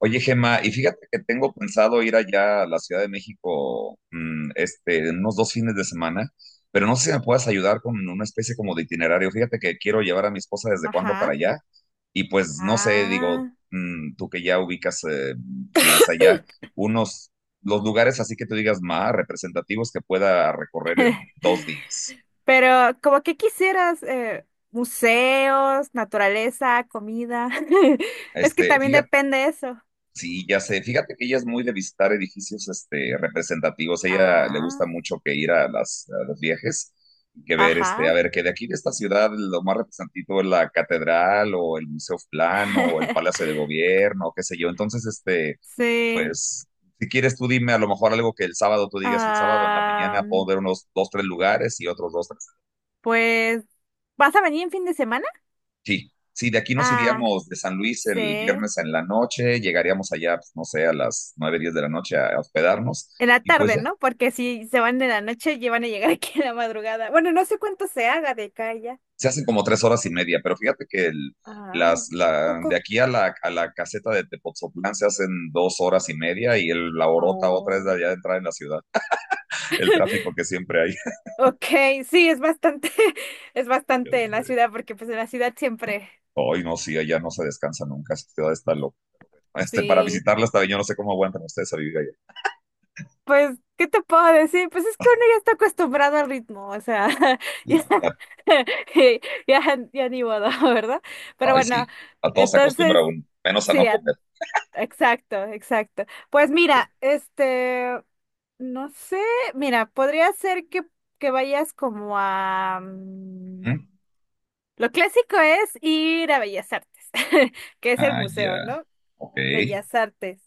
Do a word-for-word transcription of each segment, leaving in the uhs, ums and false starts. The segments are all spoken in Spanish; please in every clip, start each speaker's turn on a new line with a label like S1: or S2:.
S1: Oye, Gemma, y fíjate que tengo pensado ir allá a la Ciudad de México, mm, este, en unos dos fines de semana, pero no sé si me puedas ayudar con una especie como de itinerario. Fíjate que quiero llevar a mi esposa desde cuándo para
S2: Ajá.
S1: allá, y pues no sé, digo,
S2: Ah,
S1: mm, tú que ya ubicas, eh, si vives allá, unos, los lugares así que tú digas más representativos que pueda recorrer en dos días.
S2: pero como que quisieras eh, museos, naturaleza, comida. Es que
S1: Este,
S2: también
S1: fíjate,
S2: depende eso.
S1: sí, ya sé. Fíjate que ella es muy de visitar edificios este, representativos. A ella le gusta
S2: Ah,
S1: mucho que ir a, las, a los viajes, y que ver, este,
S2: ajá.
S1: a ver, que de aquí de esta ciudad lo más representativo es la catedral o el Museo Plano o el Palacio de Gobierno, qué sé yo. Entonces, este,
S2: Sí.
S1: pues, si quieres tú dime a lo mejor algo que el sábado tú digas el sábado en la
S2: Ah,
S1: mañana, puedo ver unos dos, tres lugares y otros dos.
S2: pues, ¿vas a venir en fin de semana?
S1: Sí, sí, de aquí nos
S2: Ah,
S1: iríamos de San Luis el
S2: sí.
S1: viernes en la noche, llegaríamos allá, pues, no sé, a las nueve, diez de la noche a hospedarnos
S2: En la
S1: y pues
S2: tarde,
S1: ya,
S2: ¿no? Porque si se van en la noche, ya van a llegar aquí en la madrugada. Bueno, no sé cuánto se haga de acá ya.
S1: se hacen como tres horas y media, pero fíjate que el-
S2: Ah,
S1: las, la, de
S2: poco.
S1: aquí a la, a la caseta de Tepoztlán se hacen dos horas y media y el, la orota otra es de
S2: Oh,
S1: allá de entrar en la ciudad, el tráfico que siempre hay.
S2: ok, sí, es bastante, es
S1: Ya
S2: bastante en la
S1: sé.
S2: ciudad, porque pues en la ciudad siempre,
S1: Ay, no, sí, allá no se descansa nunca, esa ciudad está loca. Este, para
S2: sí.
S1: visitarla está bien, yo no sé cómo aguantan ustedes a vivir allá.
S2: Pues, ¿qué te puedo decir? Pues es que uno ya está acostumbrado al ritmo, o sea, ya,
S1: Y, ya-
S2: ya, ya ni modo, ¿verdad? Pero
S1: Ay,
S2: bueno,
S1: sí, a todos se acostumbra
S2: entonces,
S1: uno, menos a
S2: sí,
S1: no
S2: a-
S1: comer.
S2: exacto, exacto. Pues mira, este, no sé, mira, podría ser que, que vayas como a... mm,
S1: ¿Mm?
S2: Lo clásico es ir a Bellas Artes, que es el
S1: Ah, ya.
S2: museo, ¿no?
S1: Ok.
S2: Bellas Artes.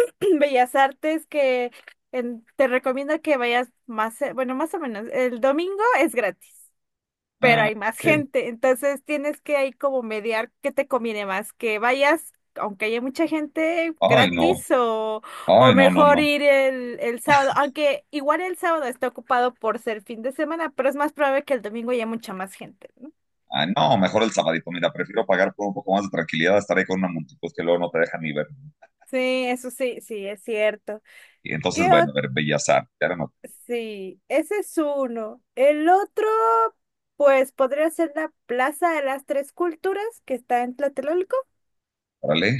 S2: Bellas Artes que en- te recomiendo que vayas más, eh, bueno, más o menos. El domingo es gratis, pero
S1: Ah,
S2: hay más
S1: ok.
S2: gente, entonces tienes que ahí como mediar qué te conviene más, que vayas, aunque haya mucha gente,
S1: Ay, no.
S2: gratis o, o
S1: Ay, no, no,
S2: mejor
S1: no.
S2: ir el, el sábado, aunque igual el sábado está ocupado por ser fin de semana, pero es más probable que el domingo haya mucha más gente, ¿no?
S1: Ah, no, mejor el sabadito. Mira, prefiero pagar por un poco más de tranquilidad, estar ahí con una multitud que luego no te dejan ni ver.
S2: Sí, eso sí, sí, es cierto.
S1: Y entonces,
S2: ¿Qué
S1: bueno,
S2: ot-
S1: a ver, Bellas Artes, ya no.
S2: Sí, ese es uno. El otro, pues podría ser la Plaza de las Tres Culturas, que está en Tlatelolco,
S1: Órale.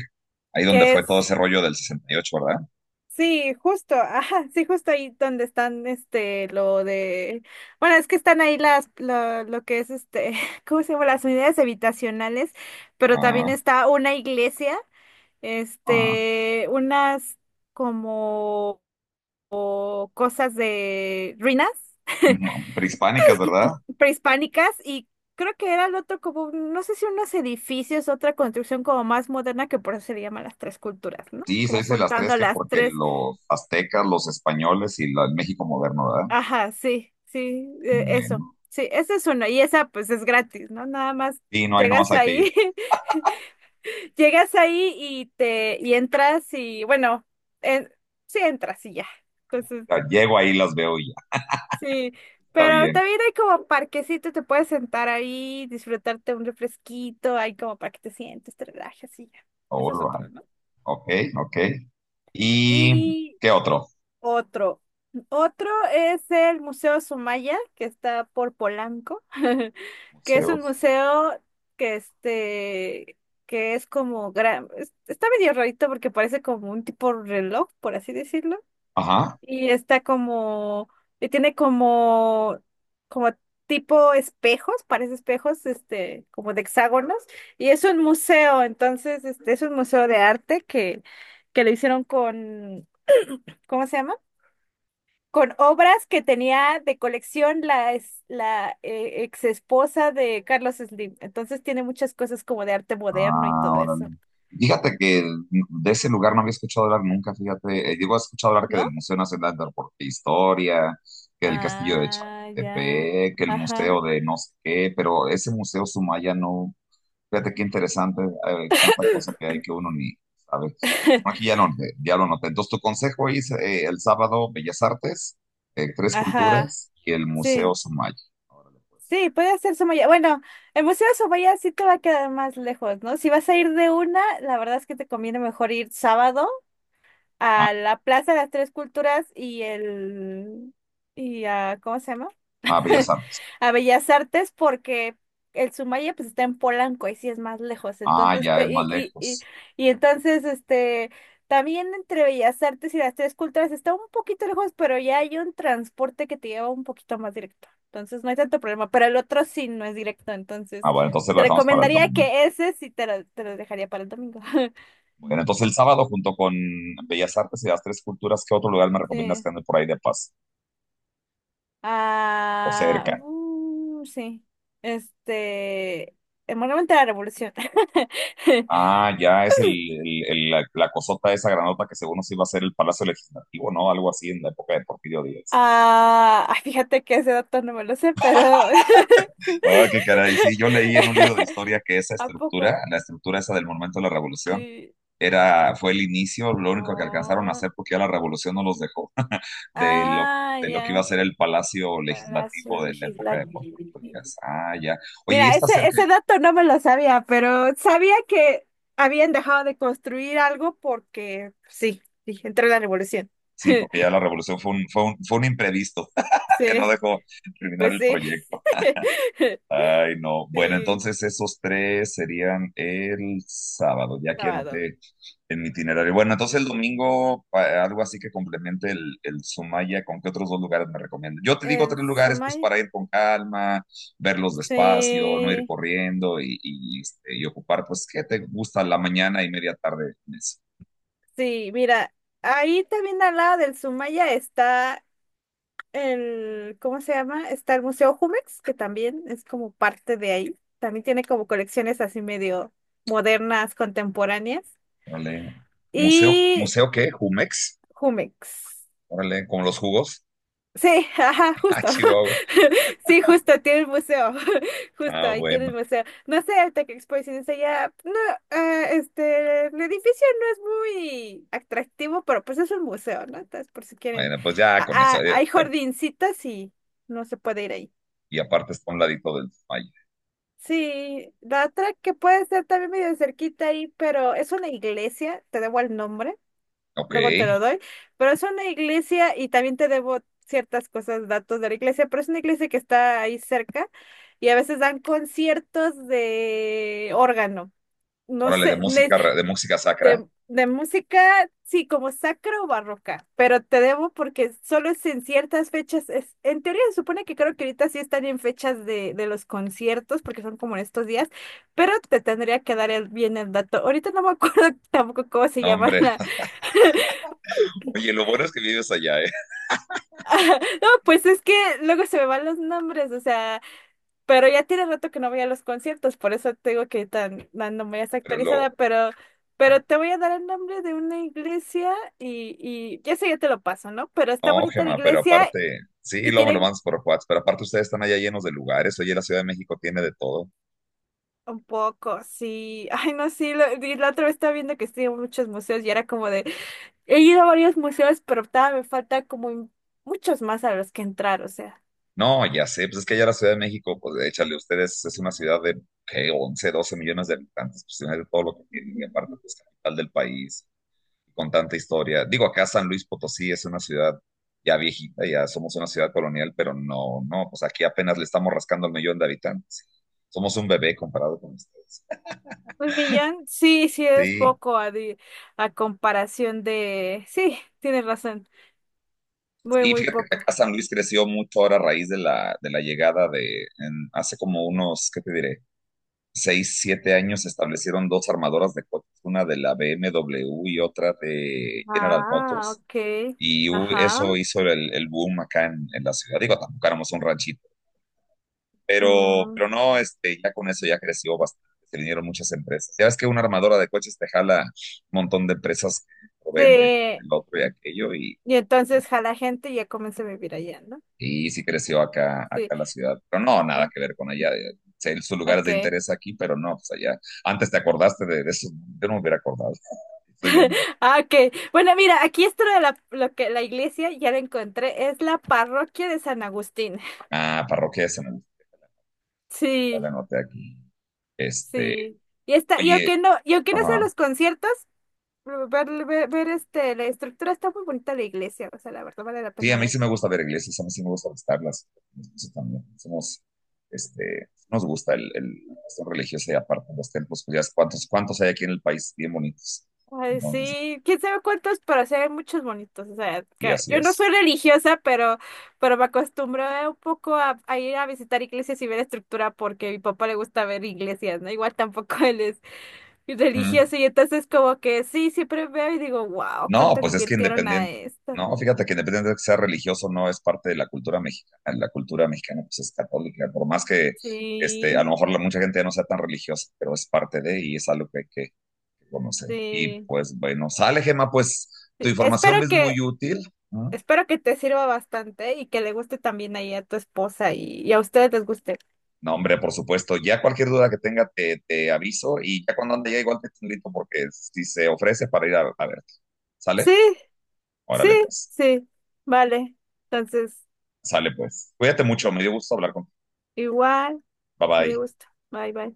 S1: Ahí donde
S2: que
S1: fue todo
S2: es,
S1: ese rollo del sesenta y ocho, ¿verdad?
S2: sí, justo, ajá, sí, justo ahí donde están, este, lo de, bueno, es que están ahí las, lo, lo que es, este, ¿cómo se llama? Las unidades habitacionales, pero también
S1: Ah,
S2: está una iglesia,
S1: ah.
S2: este, unas como cosas de ruinas
S1: Ujú. Prehispánicas, ¿verdad?
S2: prehispánicas y creo que era el otro como, no sé si unos edificios, otra construcción como más moderna, que por eso se le llama las tres culturas, ¿no?
S1: Sí, se
S2: Como
S1: dice las tres
S2: juntando
S1: que
S2: las
S1: porque
S2: tres.
S1: los aztecas, los españoles y la- el México moderno, ¿verdad?
S2: Ajá, sí, sí, eh, eso.
S1: Bueno.
S2: Sí, esa es una y esa pues es gratis, ¿no? Nada más
S1: Sí, no, ahí nomás
S2: llegas
S1: hay que ir.
S2: ahí, llegas ahí y te, y entras y bueno, en- sí entras y ya. Entonces,
S1: Ya, llego ahí, las veo y ya.
S2: sí,
S1: Está
S2: pero
S1: bien.
S2: también hay como parquecito, te puedes sentar ahí, disfrutarte un refresquito, hay como para que te sientes, te relajes y ya. Eso es
S1: All
S2: otro, ¿no?
S1: ok, ok. ¿Y
S2: Y
S1: qué otro?
S2: otro. Otro es el Museo Sumaya, que está por Polanco, que es un
S1: Museos.
S2: museo que este, que es como gran, es- está medio rarito porque parece como un tipo reloj, por así decirlo.
S1: Ajá.
S2: Y está como, y tiene como, como tipo espejos, parece espejos, este, como de hexágonos, y es un museo, entonces, este, es un museo de arte que, que lo hicieron con, ¿cómo se llama? Con obras que tenía de colección la, ex- la eh, ex esposa de Carlos Slim. Entonces tiene muchas cosas como de arte moderno y
S1: Ah,
S2: todo
S1: órale.
S2: eso,
S1: Fíjate que de ese lugar no había escuchado hablar nunca, fíjate. Eh, digo, he escuchado hablar que del
S2: ¿no?
S1: Museo Nacional de Arte e Historia, que del Castillo de
S2: Ah, ya.
S1: Chapultepec, que el
S2: Ajá.
S1: museo de no sé qué, pero ese museo Sumaya no. Fíjate qué interesante, eh, tanta cosa que hay que uno ni sabe. No, aquí ya lo, ya lo noté. Entonces, tu consejo es eh, el sábado Bellas Artes, eh, Tres
S2: Ajá.
S1: Culturas y el Museo
S2: Sí.
S1: Sumaya. Órale, pues.
S2: Sí, puede ser Somaya. Bueno, el Museo de Somaya sí te va a quedar más lejos, ¿no? Si vas a ir de una, la verdad es que te conviene mejor ir sábado
S1: Ah,
S2: a la Plaza de las Tres Culturas y el... y a, ¿cómo se llama?
S1: ah, Bellas Artes.
S2: a Bellas Artes porque el Sumaya pues está en Polanco y sí es más lejos.
S1: Ah,
S2: Entonces,
S1: ya
S2: pe-
S1: es más
S2: y, y, y,
S1: lejos.
S2: y entonces, este, también entre Bellas Artes y las tres culturas está un poquito lejos, pero ya hay un transporte que te lleva un poquito más directo. Entonces, no hay tanto problema, pero el otro sí no es directo.
S1: Ah,
S2: Entonces,
S1: bueno, entonces lo
S2: te
S1: dejamos para el
S2: recomendaría
S1: domingo.
S2: que ese sí te lo, te lo dejaría para el domingo.
S1: Bueno, entonces el sábado junto con Bellas Artes y las Tres Culturas, ¿qué otro lugar me recomiendas
S2: Sí.
S1: que ande por ahí de paz o
S2: Ah,
S1: cerca?
S2: uh, sí. Este, el Monumento a la Revolución.
S1: Ah, ya es el, el- el- la, la cosota esa granota que según nos iba a ser el Palacio Legislativo, ¿no? Algo así en la época de Porfirio Díaz.
S2: Ah, ay, fíjate que ese dato no me lo sé, pero...
S1: Ah, qué caray. Sí, yo leí en un libro de historia que esa
S2: ¿A poco?
S1: estructura, la estructura esa del Monumento a la Revolución,
S2: Sí.
S1: era, fue el inicio, lo único que alcanzaron a
S2: Oh,
S1: hacer porque ya la Revolución no los dejó, de lo,
S2: ah,
S1: de lo que iba a
S2: ya.
S1: ser el Palacio
S2: Palacio
S1: Legislativo de la época de
S2: Legislativo.
S1: Porfirio Díaz. Ah, ya. Oye, ¿y
S2: Mira,
S1: está
S2: ese,
S1: cerca?
S2: ese dato no me lo sabía, pero sabía que habían dejado de construir algo porque, pues, sí, sí, entró la revolución.
S1: Sí, porque ya la Revolución fue un, fue un, fue un imprevisto que no
S2: Sí,
S1: dejó terminar
S2: pues
S1: el
S2: sí.
S1: proyecto. Ay, no. Bueno,
S2: Sí,
S1: entonces esos tres serían el sábado, ya que
S2: sábado.
S1: anoté en mi itinerario. Bueno, entonces el domingo, pa- algo así que complemente el, el Sumaya, ¿con qué otros dos lugares me recomiendas? Yo te digo
S2: En
S1: tres lugares, pues
S2: Somaya.
S1: para ir con calma, verlos despacio, no ir
S2: Sí.
S1: corriendo y, y, este, y ocupar, pues, ¿qué te gusta la mañana y media tarde en eso?
S2: Sí, mira, ahí también al lado del Sumaya está el, ¿cómo se llama? Está el Museo Jumex, que también es como parte de ahí. También tiene como colecciones así medio modernas, contemporáneas.
S1: Órale. ¿Museo,
S2: Y
S1: museo qué? ¿Jumex?
S2: Jumex.
S1: Órale, como los jugos.
S2: Sí, ajá,
S1: Ah,
S2: justo.
S1: Chihuahua.
S2: Sí, justo, tiene el museo. Justo,
S1: Ah,
S2: ahí tiene el
S1: bueno.
S2: museo. No sé, el Tech Expo de Ciencia ya. No, ah, este, el edificio no es muy atractivo, pero pues es un museo, ¿no? Entonces, por si quieren.
S1: Bueno, pues ya
S2: Ah,
S1: con eso.
S2: ah,
S1: Eh,
S2: hay jardincitas y no se puede ir ahí.
S1: y aparte está a un ladito del Maya.
S2: Sí, la otra que puede ser también medio cerquita ahí, pero es una iglesia, te debo el nombre.
S1: Ok,
S2: Luego te lo doy, pero es una iglesia y también te debo ciertas cosas, datos de la iglesia, pero es una iglesia que está ahí cerca y a veces dan conciertos de órgano, no
S1: órale, de
S2: sé, ne-
S1: música, ra- de música sacra.
S2: de, de música, sí, como sacra o barroca, pero te debo porque solo es en ciertas fechas, es, en teoría se supone que creo que ahorita sí están en fechas de, de los conciertos porque son como en estos días, pero te tendría que dar el, bien el dato. Ahorita no me acuerdo tampoco cómo se
S1: No,
S2: llama.
S1: hombre, oye, lo bueno es que vives allá, ¿eh?
S2: No, pues es que luego se me van los nombres, o sea, pero ya tiene rato que no voy a los conciertos, por eso te digo que tan, tan no me es
S1: Pero
S2: actualizada,
S1: luego,
S2: pero, pero te voy a dar el nombre de una iglesia y, y ya sé, ya te lo paso, ¿no? Pero está
S1: no,
S2: bonita la
S1: Gemma, pero
S2: iglesia
S1: aparte, sí,
S2: y
S1: luego me lo
S2: tienen
S1: mandas por WhatsApp, pero aparte ustedes están allá llenos de lugares, oye, la Ciudad de México tiene de todo.
S2: un poco, sí, ay, no, sí, lo- y la otra vez estaba viendo que sí, muchos museos y era como de, he ido a varios museos, pero todavía me falta como muchos más a los que entrar, o sea.
S1: No, ya sé, pues es que allá la Ciudad de México, pues échale, ustedes es una ciudad de, ¿qué? once, doce millones de habitantes, pues tiene de todo lo que tiene, y aparte, pues capital del país, con tanta historia. Digo, acá San Luis Potosí es una ciudad ya viejita, ya somos una ciudad colonial, pero no, no, pues aquí apenas le estamos rascando el millón de habitantes. Somos un bebé comparado con ustedes.
S2: Un millón, sí, sí es
S1: Sí.
S2: poco a, di- a comparación de... Sí, tienes razón, muy,
S1: Y
S2: muy
S1: fíjate que
S2: poco.
S1: acá San Luis creció mucho ahora a raíz de la, de la llegada de, en- hace como unos, ¿qué te diré? Seis, siete años se establecieron dos armadoras de coches, una de la B M W y otra de General
S2: Ah,
S1: Motors.
S2: ok,
S1: Y hu- eso
S2: ajá.
S1: hizo el, el boom acá en, en la ciudad. Digo, tampoco éramos un ranchito. Pero,
S2: Mm,
S1: pero no, este, ya con eso ya creció bastante, se vinieron muchas empresas. Ya ves que una armadora de coches te jala un montón de empresas que lo venden, el
S2: sí,
S1: otro y aquello, y,
S2: y entonces jala gente y ya comencé a vivir allá, ¿no?
S1: y, y sí creció acá,
S2: Sí,
S1: acá la ciudad. Pero no, nada
S2: mm,
S1: que ver con allá. eh, sé, Sus lugares de
S2: ok.
S1: interés aquí, pero no, pues allá. Antes te acordaste de, de eso, yo no me hubiera acordado. Estoy bien.
S2: Ah, ok. Bueno, mira, aquí esto de la, lo que la iglesia, ya la encontré, es la parroquia de San Agustín.
S1: Ah, parroquia de San Agustín, ya la
S2: Sí,
S1: anoté aquí. Este,
S2: sí. Y está, y
S1: Oye,
S2: aunque no, y aunque no sean
S1: ajá.
S2: los conciertos, pero Ver, ver, ver, este, la estructura está muy bonita la iglesia, o sea, la verdad vale la
S1: Sí, a
S2: pena
S1: mí sí
S2: ver.
S1: me gusta ver iglesias, a mí sí me gusta visitarlas. Eso también. Somos, este, nos gusta el, el la cuestión religiosa y aparte los templos, pues ya es cuántos, cuántos hay aquí en el país, bien bonitos.
S2: Ay,
S1: Entonces,
S2: sí, quién sabe cuántos, pero sí hay muchos bonitos, o sea,
S1: y
S2: que-
S1: así
S2: yo no
S1: es.
S2: soy religiosa, pero, pero me acostumbro un poco a, a ir a visitar iglesias y ver estructura porque a mi papá le gusta ver iglesias, ¿no? Igual tampoco él es
S1: Ujú.
S2: religioso y entonces como que sí, siempre veo y digo, wow,
S1: No,
S2: cuánto le
S1: pues es que
S2: invirtieron a
S1: independiente,
S2: esto.
S1: no, fíjate que independiente de que sea religioso, no es parte de la cultura mexicana. La cultura mexicana, pues es católica, por más que, este, a
S2: Sí,
S1: lo mejor la, mucha gente ya no sea tan religiosa, pero es parte de y es algo que hay que conocer. Y
S2: sí.
S1: pues bueno, sale, Gema, pues tu
S2: Sí, Espero
S1: información es muy
S2: que,
S1: útil.
S2: Espero que te sirva bastante y que le guste también ahí a tu esposa y, y a ustedes les guste.
S1: No, hombre, por supuesto. Ya cualquier duda que tenga te, te aviso y ya cuando ande ya igual te echo un grito porque si se ofrece para ir a, a verte.
S2: Sí,
S1: ¿Sale?
S2: sí,
S1: Órale pues.
S2: sí. Vale. Entonces,
S1: Sale pues. Cuídate mucho, me dio gusto hablar contigo.
S2: igual,
S1: Bye
S2: me
S1: bye.
S2: dio gusto. Bye, bye.